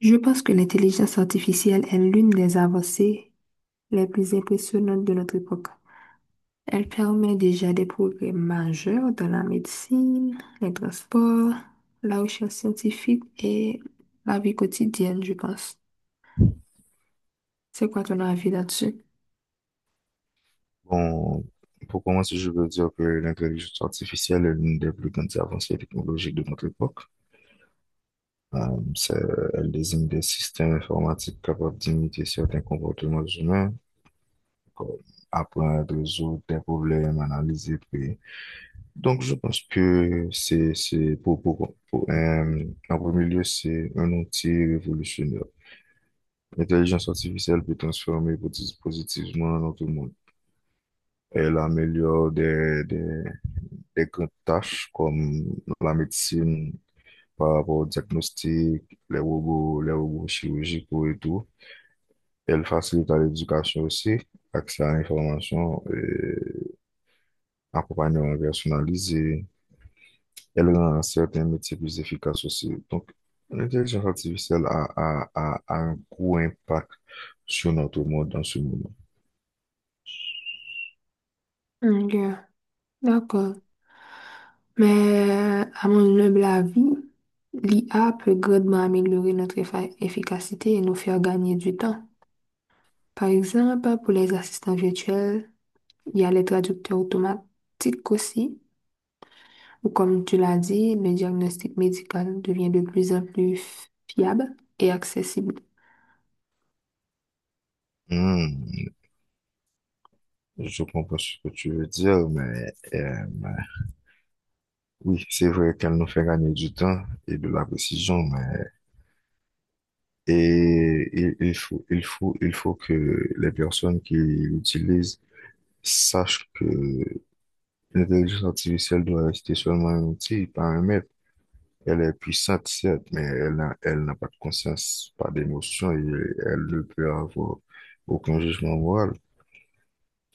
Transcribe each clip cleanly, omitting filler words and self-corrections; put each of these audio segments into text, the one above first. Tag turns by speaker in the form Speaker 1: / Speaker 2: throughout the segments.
Speaker 1: Je pense que l'intelligence artificielle est l'une des avancées les plus impressionnantes de notre époque. Elle permet déjà des progrès majeurs dans la médecine, les transports, la recherche scientifique et la vie quotidienne, je pense. C'est quoi ton avis là-dessus?
Speaker 2: Bon, pour commencer, je veux dire que l'intelligence artificielle est l'une des plus grandes avancées technologiques de notre époque. Euh, c'est- elle désigne des systèmes informatiques capables d'imiter certains comportements humains, comme apprendre, résoudre des problèmes, analyser, puis... Donc, je pense que c'est pour, en premier lieu, c'est un outil révolutionnaire. L'intelligence artificielle peut transformer positivement notre monde. Elle améliore des les grandes tâches comme la médecine par rapport au diagnostic, les robots chirurgicaux et tout. Elle facilite à l'éducation aussi, accès à l'information et accompagnement personnalisé. Elle rend certains métiers plus efficaces aussi. Donc, l'intelligence artificielle a un gros impact sur notre monde dans ce moment.
Speaker 1: Ok, d'accord. Mais à mon humble avis, l'IA peut grandement améliorer notre efficacité et nous faire gagner du temps. Par exemple, pour les assistants virtuels, il y a les traducteurs automatiques aussi. Ou comme tu l'as dit, le diagnostic médical devient de plus en plus fiable et accessible.
Speaker 2: Hmm, je comprends ce que tu veux dire, mais oui, c'est vrai qu'elle nous fait gagner du temps et de la précision, mais. Et il faut que les personnes qui l'utilisent sachent que l'intelligence artificielle doit rester seulement un outil, pas un maître. Elle est puissante, certes, mais elle n'a pas de conscience, pas d'émotion, et elle ne peut avoir aucun jugement moral.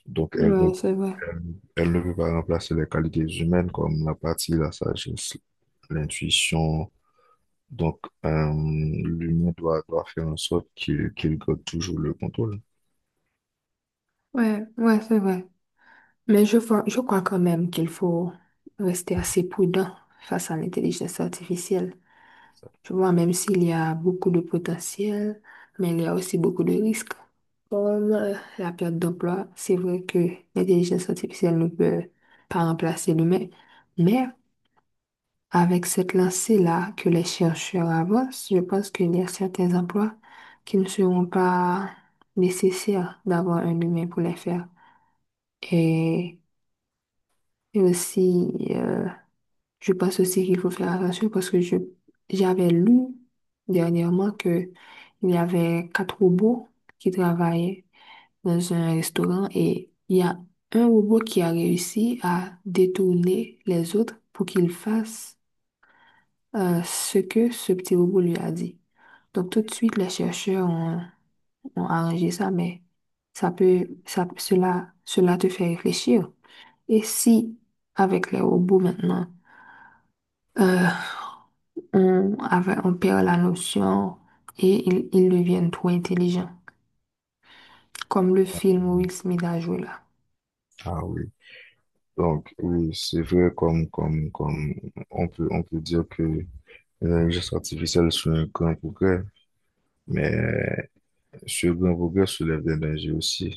Speaker 2: Donc,
Speaker 1: Ouais, c'est vrai.
Speaker 2: elle, elle ne peut pas remplacer les qualités humaines comme l'apathie, la sagesse, l'intuition. Donc, l'humain doit faire en sorte qu'il garde toujours le contrôle.
Speaker 1: Ouais, ouais, c'est vrai. Mais je crois quand même qu'il faut rester assez prudent face à l'intelligence artificielle. Je vois, même s'il y a beaucoup de potentiel, mais il y a aussi beaucoup de risques. Comme la perte d'emploi, c'est vrai que l'intelligence artificielle ne peut pas remplacer l'humain, mais avec cette lancée-là que les chercheurs avancent, je pense qu'il y a certains emplois qui ne seront pas nécessaires d'avoir un humain pour les faire. Et, et aussi, je pense aussi qu'il faut faire attention parce que j'avais lu dernièrement que il y avait quatre robots qui travaillaient dans un restaurant et il y a un robot qui a réussi à détourner les autres pour qu'ils fassent ce que ce petit robot lui a dit. Donc tout de suite, les chercheurs ont arrangé ça, mais ça peut, ça, cela, cela te fait réfléchir. Et si, avec les robots maintenant, euh, on perd la notion et ils deviennent trop intelligents, comme le film où Will Smith a joué là.
Speaker 2: Ah oui, donc oui, c'est vrai, comme on peut dire que l'intelligence artificielle c'est un grand progrès, mais ce grand progrès soulève des dangers aussi.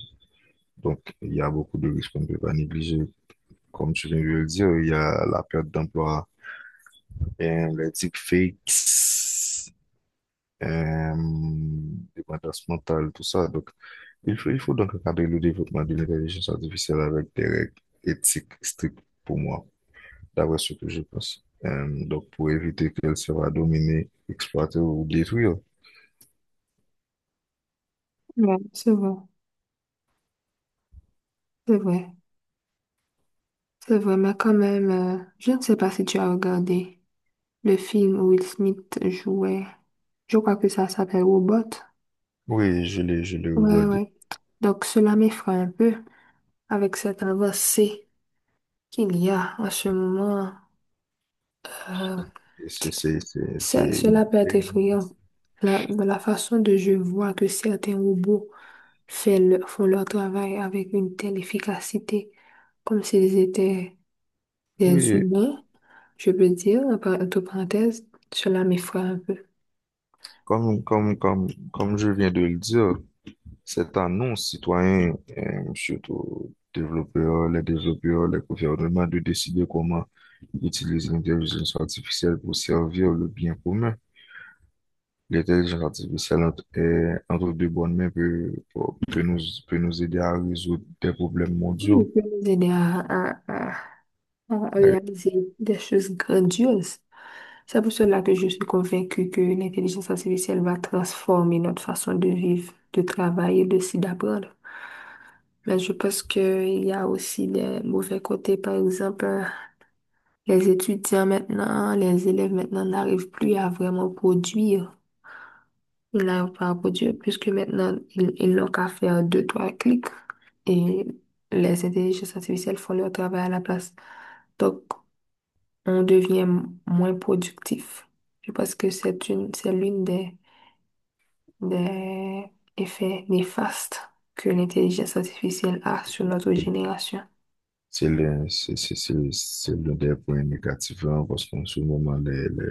Speaker 2: Donc il y a beaucoup de risques qu'on ne peut pas négliger. Comme tu viens de le dire, il y a la perte d'emploi, les deepfakes, euh, dépendance mentale, tout ça. Donc il faut donc encadrer le développement de l'intelligence artificielle avec des règles éthiques strictes, pour moi, d'après ce que je pense. Donc, pour éviter qu'elle soit dominée, exploitée ou détruite.
Speaker 1: Ouais, c'est vrai, c'est vrai, c'est vrai, mais quand même, je ne sais pas si tu as regardé le film où Will Smith jouait, je crois que ça s'appelle Robot.
Speaker 2: Oui, je l'ai
Speaker 1: Ouais,
Speaker 2: regardé.
Speaker 1: ouais. Donc cela m'effraie un peu avec cette avancée qu'il y a en ce moment. Euh,
Speaker 2: Et C'est, c'est, c'est, c'est-
Speaker 1: ça-
Speaker 2: c'est-
Speaker 1: cela peut être
Speaker 2: une-
Speaker 1: effrayant. De la façon dont je vois que certains robots font leur travail avec une telle efficacité, comme s'ils étaient des
Speaker 2: Oui,
Speaker 1: humains, je peux dire, entre parenthèses, cela m'effraie un peu.
Speaker 2: comme, comme, comme, comme je viens de le dire, cette annonce citoyen, surtout les développeurs, les gouvernements, de décider comment utiliser l'intelligence artificielle pour servir le bien commun. L'intelligence artificielle est entre deux bonnes mains, peut nous, peut nous aider à résoudre des problèmes
Speaker 1: Oui,
Speaker 2: mondiaux.
Speaker 1: je peux nous aider à- à
Speaker 2: Et
Speaker 1: réaliser des choses grandioses. C'est pour cela que je suis convaincue que l'intelligence artificielle va transformer notre façon de vivre, de travailler, de s'y d'apprendre. Mais je pense qu'il y a aussi des mauvais côtés. Par exemple, les étudiants maintenant, les élèves maintenant n'arrivent plus à vraiment produire. Ils n'arrivent pas à produire puisque maintenant, ils n'ont qu'à faire deux, trois clics et les intelligences artificielles font leur travail à la place. Donc, on devient moins productif. Je pense que c'est l'une des des effets néfastes que l'intelligence artificielle a sur notre génération.
Speaker 2: C'est l'un des points négatifs, hein, parce qu'en ce moment, les, les,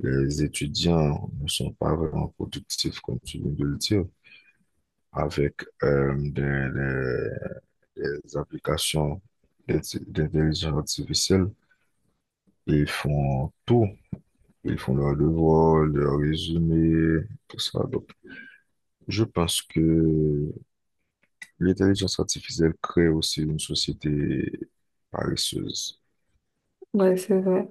Speaker 2: les étudiants ne sont pas vraiment productifs, comme tu viens de le dire, avec euh, des, des- des applications d'intelligence artificielle. Ils font tout. Ils font leurs devoirs, leurs résumés, tout ça. Je pense que l'intelligence artificielle crée aussi une société paresseuse.
Speaker 1: Ouais, c'est vrai.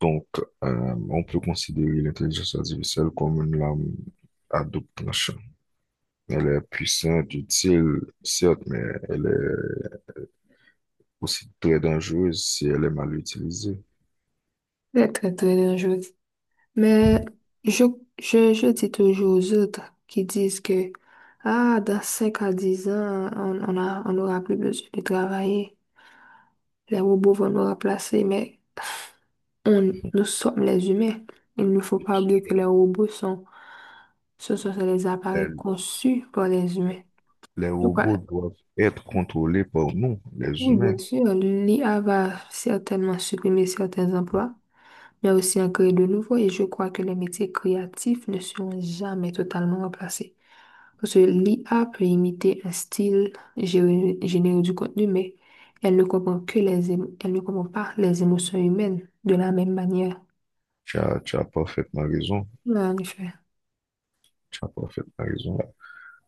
Speaker 2: Donc, on peut considérer l'intelligence artificielle comme une lame à double tranchant. Elle est puissante, utile, certes, mais elle est aussi très dangereuse si elle est mal utilisée.
Speaker 1: C'est très, très dangereux. Mais je, je, je dis toujours aux autres qui disent que, ah, dans 5 à 10 ans, on n'aura plus besoin de travailler. Les robots vont nous remplacer, mais nous sommes les humains. Il ne faut pas oublier que les robots ce sont les appareils
Speaker 2: Elle-
Speaker 1: conçus par les humains.
Speaker 2: les
Speaker 1: Donc,
Speaker 2: robots doivent être contrôlés par nous, les
Speaker 1: oui,
Speaker 2: humains.
Speaker 1: bien sûr, l'IA va certainement supprimer certains emplois, mais aussi en créer de nouveaux et je crois que les métiers créatifs ne seront jamais totalement remplacés. Parce que l'IA peut imiter un style, générer du contenu, mais elle ne comprend elle ne comprend pas les émotions humaines de la même manière.
Speaker 2: Tu as parfaitement raison.
Speaker 1: Ouais, en effet.
Speaker 2: Tu as parfaitement raison.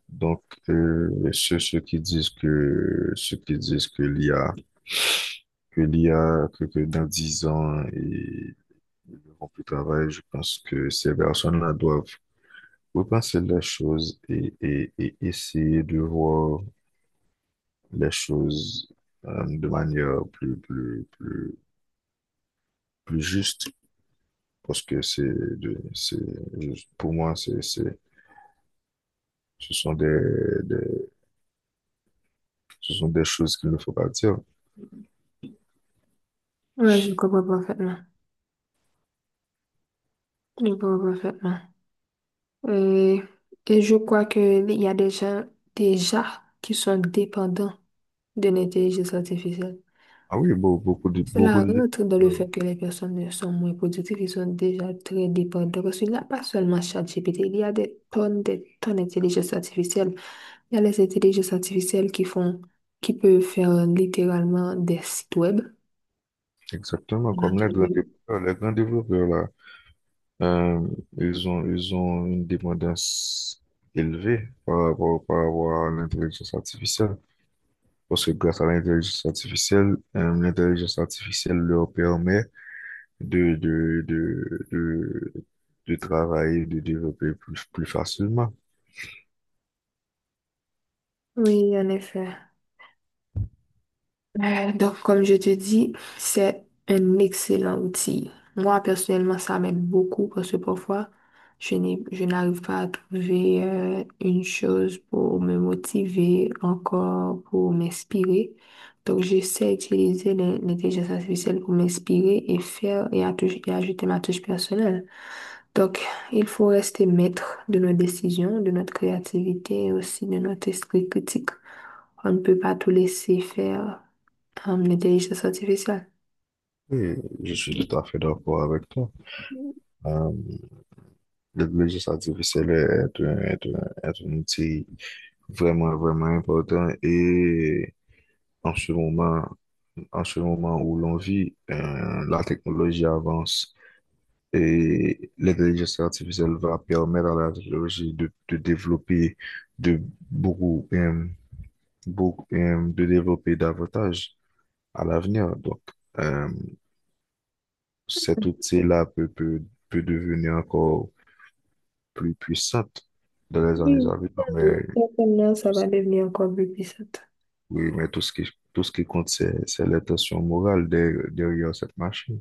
Speaker 2: Donc, ceux, ceux qui disent que, ceux qui disent que l'I a que l'IA, que dans 10 ans, ils n'auront plus de travail. Je pense que ces personnes-là doivent repenser les choses, et essayer de voir les choses de manière plus juste. Parce que de- c'est, pour moi, c'est, ce sont des, ce sont des choses qu'il ne faut pas dire.
Speaker 1: Ouais, je comprends parfaitement. Je comprends parfaitement. Et, et je crois que il y a des gens déjà qui sont dépendants d'une intelligence artificielle.
Speaker 2: Ah oui, beaucoup de, beaucoup
Speaker 1: Cela
Speaker 2: de,
Speaker 1: rentre dans le fait que les personnes sont moins productives, ils sont déjà très dépendants. Parce qu'il n'y a pas seulement ChatGPT, il y a des tonnes d'intelligence artificielle. Il y a les intelligences artificielles qui font, qui peuvent faire littéralement des sites web.
Speaker 2: Exactement,
Speaker 1: On a
Speaker 2: comme
Speaker 1: pas
Speaker 2: les grands
Speaker 1: dit.
Speaker 2: développeurs, les grands développeurs là, euh, ils ont une dépendance élevée par rapport à l'intelligence artificielle. Parce que grâce à l'intelligence artificielle leur permet de, de, de, de, de travailler, de développer plus facilement.
Speaker 1: Oui, en effet. Donc, comme je te dis, c'est un excellent outil. Moi, personnellement, ça m'aide beaucoup parce que parfois, je n'arrive pas à trouver une chose pour me motiver, encore pour m'inspirer. Donc, j'essaie d'utiliser l'intelligence artificielle pour m'inspirer et faire et ajouter ma touche personnelle. Donc, il faut rester maître de nos décisions, de notre créativité et aussi de notre esprit critique. On ne peut pas tout laisser faire l'intelligence artificielle.
Speaker 2: Et je suis tout à fait d'accord avec toi. Euh, L'intelligence artificielle est un outil vraiment important. Et En ce moment, en ce moment où l'on vit, la technologie avance, et l'intelligence artificielle va permettre à la technologie de développer de beaucoup, euh, de développer davantage à l'avenir. Donc, euh, cet outil-là peut devenir encore plus puissante dans les années
Speaker 1: Oui,
Speaker 2: à venir,
Speaker 1: celle
Speaker 2: mais
Speaker 1: de certainement, ça
Speaker 2: tout
Speaker 1: va
Speaker 2: ce-
Speaker 1: devenir encore plus puissante.
Speaker 2: oui, mais tout ce qui compte, c'est l'intention morale derrière cette machine.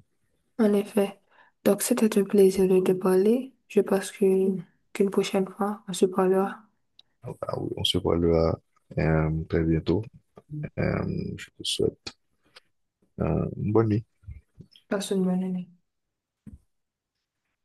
Speaker 1: En effet. Donc, c'était un plaisir de te parler. Je pense qu'une prochaine fois, on se parlera.
Speaker 2: Ah oui, on se voit là, très bientôt. Euh, je te souhaite une bonne nuit.
Speaker 1: Passe une bonne année.